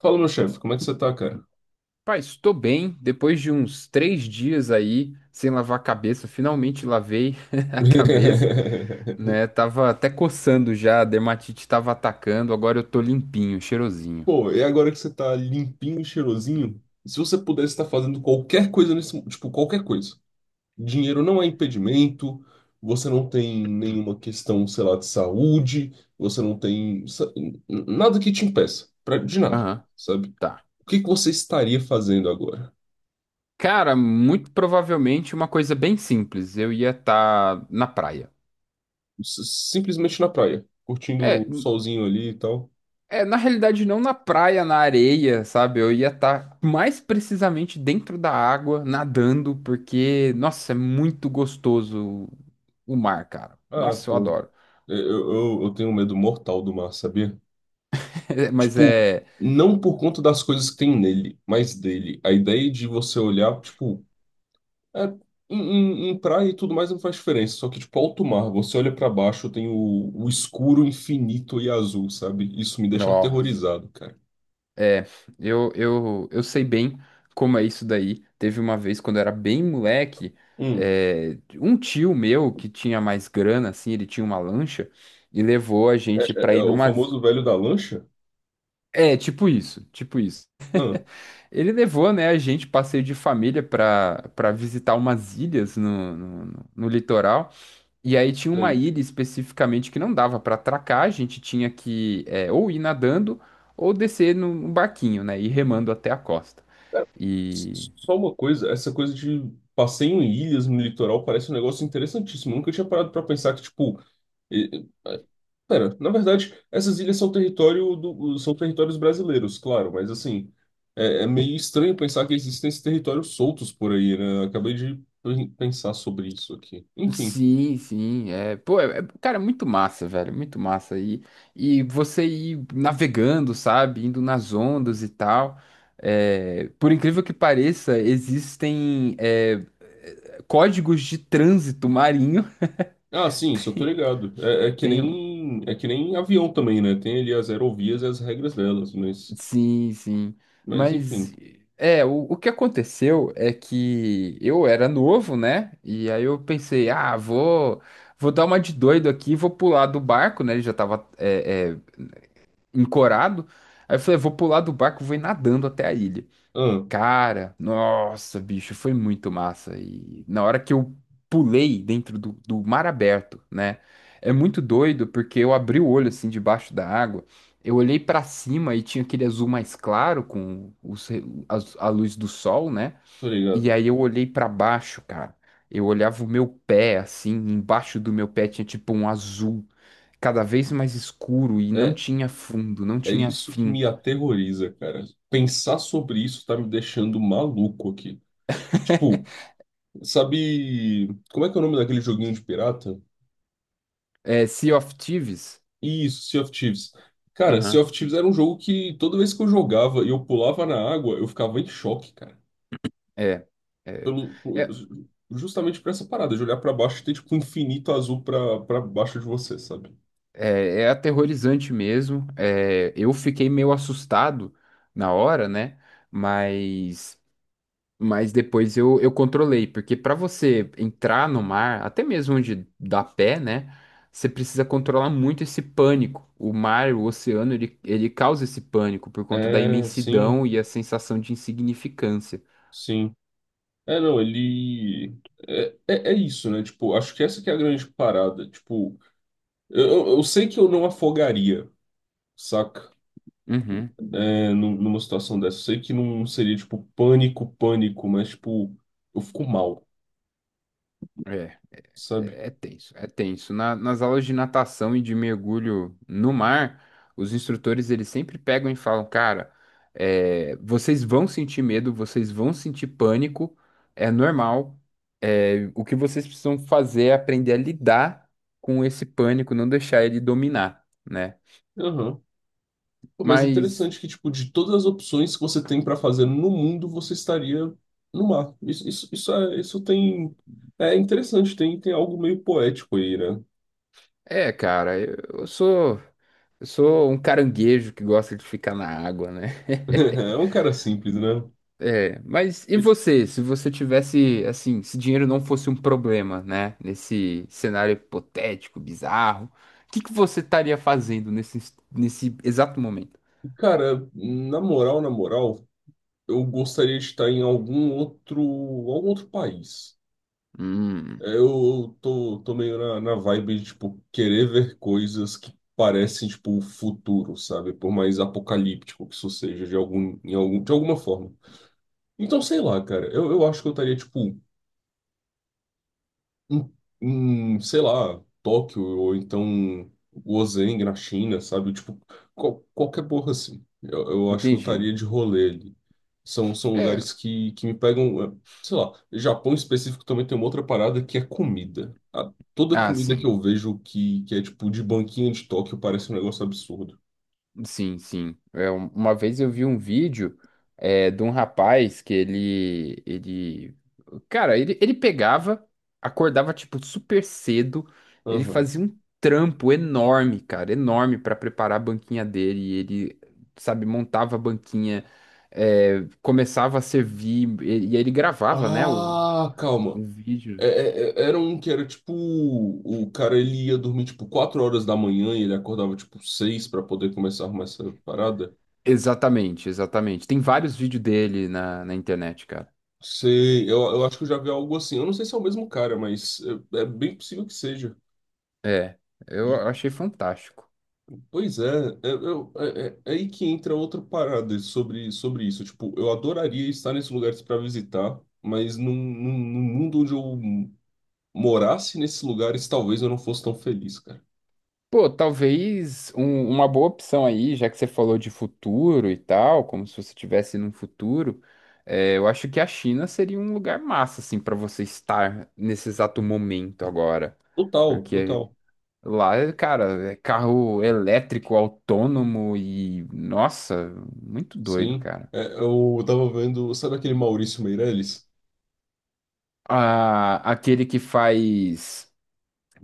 Fala, meu chefe, como é que você tá, cara? Pai, estou bem. Depois de uns três dias aí sem lavar a cabeça, finalmente lavei a cabeça, né? Tava até coçando já, a dermatite tava atacando, agora eu tô limpinho, cheirosinho. Pô, e agora que você tá limpinho e cheirosinho, se você pudesse estar fazendo qualquer coisa nesse mundo, tipo, qualquer coisa. Dinheiro não é impedimento, você não tem nenhuma questão, sei lá, de saúde, você não tem nada que te impeça, de nada, Aham, sabe? tá. O que que você estaria fazendo agora? Cara, muito provavelmente uma coisa bem simples. Eu ia estar na praia. S- Simplesmente na praia, É, curtindo o solzinho ali e tal. é, na realidade, não na praia, na areia, sabe? Eu ia estar mais precisamente dentro da água, nadando, porque, nossa, é muito gostoso o mar, cara. Ah, Nossa, eu pô, adoro. eu tenho um medo mortal do mar, sabia? É, mas Tipo, é. não por conta das coisas que tem nele, mas dele. A ideia de você olhar, tipo, é, em, em praia e tudo mais não faz diferença. Só que, tipo, alto mar, você olha pra baixo, tem o escuro infinito e azul, sabe? Isso me deixa Nossa. aterrorizado, cara. É, eu sei bem como é isso daí. Teve uma vez, quando eu era bem moleque, Hum, um tio meu que tinha mais grana, assim, ele tinha uma lancha e levou a é, gente pra é ir o numas. famoso velho da lancha? É, tipo isso, tipo isso. Ah, Ele levou, né, a gente, passeio de família, para visitar umas ilhas no litoral. E aí tinha uma sei. ilha especificamente que não dava para atracar, a gente tinha que é, ou ir nadando ou descer num barquinho, né, e ir remando até a costa. Cara, E. s- só uma coisa, essa coisa de passeio em ilhas no litoral parece um negócio interessantíssimo. Eu nunca tinha parado pra pensar que, tipo. Pera, na verdade, essas ilhas são território do, são territórios brasileiros, claro, mas assim, é, é meio estranho pensar que existem esses territórios soltos por aí, né? Eu acabei de pensar sobre isso aqui. Enfim. Sim, sim, é, pô, é, é- cara, é muito massa, velho, muito massa, e você ir navegando, sabe, indo nas ondas e tal. É, por incrível que pareça, existem códigos de trânsito marinho. Ah, sim, isso eu tô ligado. É, Tenho. É que nem avião também, né? Tem ali as aerovias e as regras delas, Sim, sim. mas Mas enfim. é, o que aconteceu é que eu era novo, né? E aí eu pensei, ah, vou, vou dar uma de doido aqui, vou pular do barco, né? Ele já tava encorado. Aí eu falei, vou pular do barco, vou ir nadando até a ilha. Ah, Cara, nossa, bicho, foi muito massa. E na hora que eu pulei dentro do mar aberto, né? É muito doido porque eu abri o olho assim debaixo da água. Eu olhei pra cima e tinha aquele azul mais claro com os, re- as- a, luz do sol, né? tô E ligado. aí eu olhei pra baixo, cara. Eu olhava o meu pé assim, embaixo do meu pé tinha tipo um azul cada vez mais escuro e não É, tinha fundo, não é tinha isso que fim. me aterroriza, cara. Pensar sobre isso tá me deixando maluco aqui. Tipo, sabe, como é que é o nome daquele joguinho de pirata? É Sea of Thieves. Isso, Sea of Thieves. Cara, Sea of Thieves era um jogo que toda vez que eu jogava e eu pulava na água, eu ficava em choque, cara. É, é, Pelo, por- é, justamente por essa parada, de olhar pra baixo e ter tipo um infinito azul pra, pra baixo de você, sabe? é, é aterrorizante mesmo. É, eu fiquei meio assustado na hora, né? Mas, mas depois eu controlei, porque para você entrar no mar, até mesmo onde dá pé, né? Você precisa controlar muito esse pânico. O mar, o oceano, ele causa esse pânico por conta da É, sim, imensidão e a sensação de insignificância. sim. É, não, ele. É, é, é isso, né? Tipo, acho que essa que é a grande parada. Tipo, eu sei que eu não afogaria, saca? Uhum. É, numa situação dessa. Eu sei que não seria, tipo, pânico, pânico, mas, tipo, eu fico mal, É. sabe? É é tenso, é tenso. Na- nas aulas de natação e de mergulho no mar, os instrutores eles sempre pegam e falam, cara, vocês vão sentir medo, vocês vão sentir pânico, é normal. É, o que vocês precisam fazer é aprender a lidar com esse pânico, não deixar ele dominar, né? Aham. Pô, mas Mas interessante que, tipo, de todas as opções que você tem pra fazer no mundo, você estaria no mar. Isso, é, isso tem... É interessante, tem, tem algo meio poético aí, né? é, cara, eu sou um caranguejo que gosta de ficar na água, né? É um cara simples, né? É, mas e E, tipo, você, se você tivesse, assim, se dinheiro não fosse um problema, né, nesse cenário hipotético, bizarro, o que que você estaria fazendo nesse, nesse exato momento? cara, na moral, eu gostaria de estar em algum outro país. Hum, É, eu tô, tô meio na, na vibe de, tipo, querer ver coisas que parecem, tipo, o futuro, sabe? Por mais apocalíptico que isso seja, de algum, em algum, de alguma forma. Então, sei lá, cara, eu acho que eu estaria, tipo, em, em, sei lá, Tóquio ou então Gozheng na China, sabe? Tipo, qualquer porra assim. Eu acho que eu estaria entendi. de rolê ali. São, são É, lugares que me pegam, sei lá. Japão em específico também tem uma outra parada que é comida. Toda ah, comida que sim. eu vejo que é tipo de banquinha de Tóquio parece um negócio absurdo. Sim, sim. É, um- uma vez eu vi um vídeo de um rapaz que ele, cara, ele pegava, acordava tipo super cedo, ele Aham. fazia um trampo enorme, cara, enorme pra preparar a banquinha dele. E ele, sabe, montava a banquinha, começava a servir e aí ele gravava, né, Ah, calma. o É, vídeo. é, é, era um que era tipo. O cara ele ia dormir tipo 4 horas da manhã e ele acordava tipo 6 pra poder começar a arrumar essa parada. Exatamente, exatamente. Tem vários vídeos dele na internet, cara. Sei, eu acho que eu já vi algo assim. Eu não sei se é o mesmo cara, mas é, é bem possível que seja. É, E, eu achei fantástico. pois é, é, é aí que entra outra parada sobre, sobre isso. Tipo, eu adoraria estar nesses lugares para visitar, mas num mundo onde eu morasse nesses lugares, talvez eu não fosse tão feliz, cara. Pô, talvez um- uma boa opção aí, já que você falou de futuro e tal, como se você estivesse num futuro, é, eu acho que a China seria um lugar massa, assim, para você estar nesse exato momento agora. Total, Porque total. lá, é, cara, é carro elétrico, autônomo e, nossa, muito doido, Sim. cara. É, eu tava vendo, sabe aquele Maurício Meirelles? Ah, aquele que faz.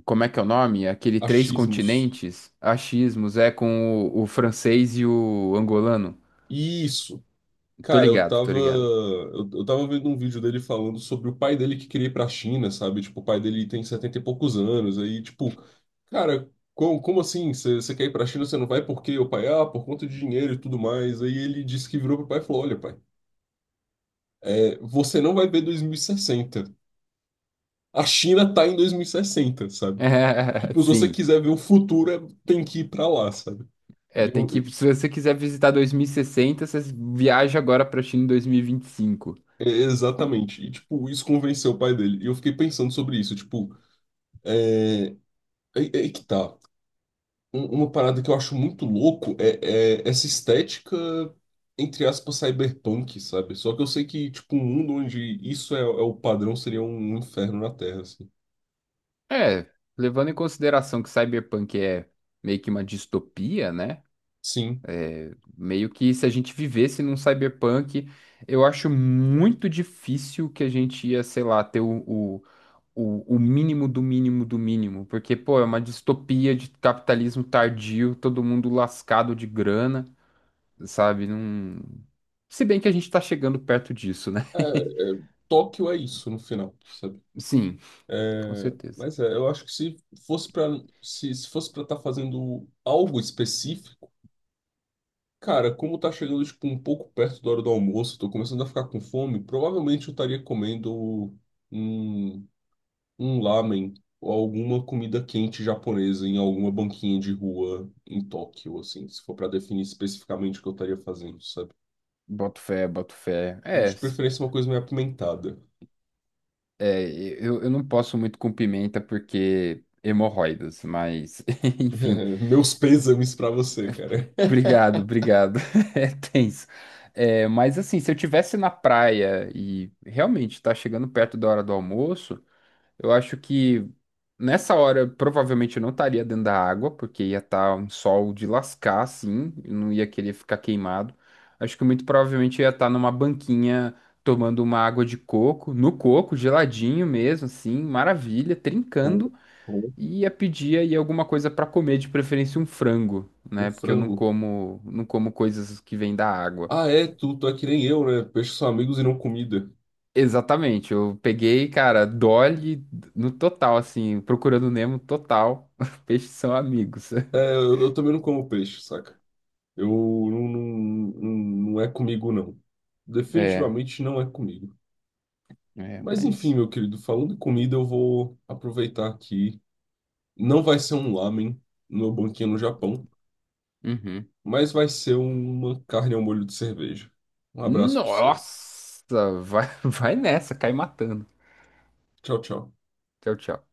Como é que é o nome? Aquele Três Achismos. Continentes, achismos, é com o francês e o angolano. Isso. Tô Cara, ligado, tô ligado. Eu tava vendo um vídeo dele falando sobre o pai dele que queria ir pra China, sabe? Tipo, o pai dele tem 70 e poucos anos, aí, tipo, cara, como, como assim? Você quer ir pra China, você não vai por quê? O pai, ah, por conta de dinheiro e tudo mais. Aí ele disse que virou pro pai e falou: Olha, pai, é, você não vai ver 2060. A China tá em 2060, sabe? Tipo, se você Sim. quiser ver o futuro, tem que ir pra lá, sabe? É, E tem eu, que, se você quiser visitar 2060, você viaja agora pra China em 2025. é, exatamente. E, tipo, isso convenceu o pai dele. E eu fiquei pensando sobre isso. Tipo, é, é, é que tá. Uma parada que eu acho muito louco é, é essa estética, entre aspas, cyberpunk, sabe? Só que eu sei que, tipo, um mundo onde isso é, é o padrão seria um inferno na Terra, assim. É, levando em consideração que Cyberpunk é meio que uma distopia, né? Sim. Meio que se a gente vivesse num Cyberpunk, eu acho muito difícil que a gente ia, sei lá, ter o mínimo do mínimo do mínimo. Porque, pô, é uma distopia de capitalismo tardio, todo mundo lascado de grana. Sabe? Não... Se bem que a gente tá chegando perto disso, né? É, é, Tóquio é isso, no final, sabe? Sim, com É, certeza. mas é, eu acho que se fosse para se, se fosse para estar fazendo algo específico, cara, como tá chegando tipo um pouco perto da hora do almoço, tô começando a ficar com fome, provavelmente eu estaria comendo um, um lamen ou alguma comida quente japonesa em alguma banquinha de rua em Tóquio, assim, se for para definir especificamente o que eu estaria fazendo, sabe? Boto fé, boto fé. É, De s- preferência uma coisa meio apimentada. é eu não posso muito com pimenta porque hemorroidas, mas enfim. Meus pêsames para você, cara. Obrigado, obrigado. É tenso. É, mas assim, se eu tivesse na praia e realmente tá chegando perto da hora do almoço. Eu acho que nessa hora provavelmente eu não estaria dentro da água, porque ia estar um sol de lascar, assim, eu não ia querer ficar queimado. Acho que muito provavelmente eu ia estar numa banquinha tomando uma água de coco, no coco, geladinho mesmo, assim, maravilha, Bom, trincando, bom. e ia pedir aí alguma coisa para comer, de preferência um frango, Um né? Porque eu não frango. como, não como coisas que vêm da água. Ah, é, tu, tu é que nem eu, né? Peixes são amigos e não comida. Exatamente, eu peguei, cara, Dolly no total, assim, procurando Nemo total. Peixes são amigos. É, eu também não como peixe, saca? Eu não, não, não, não é comigo, não. É, Definitivamente não é comigo. é, Mas enfim, mas. meu querido, falando em comida, eu vou aproveitar que não vai ser um lamen no meu banquinho no Japão, Uhum. mas vai ser uma carne ao molho de cerveja. Um abraço pra você. Nossa! Vai, vai nessa, cai matando. Tchau, tchau. Tchau, tchau.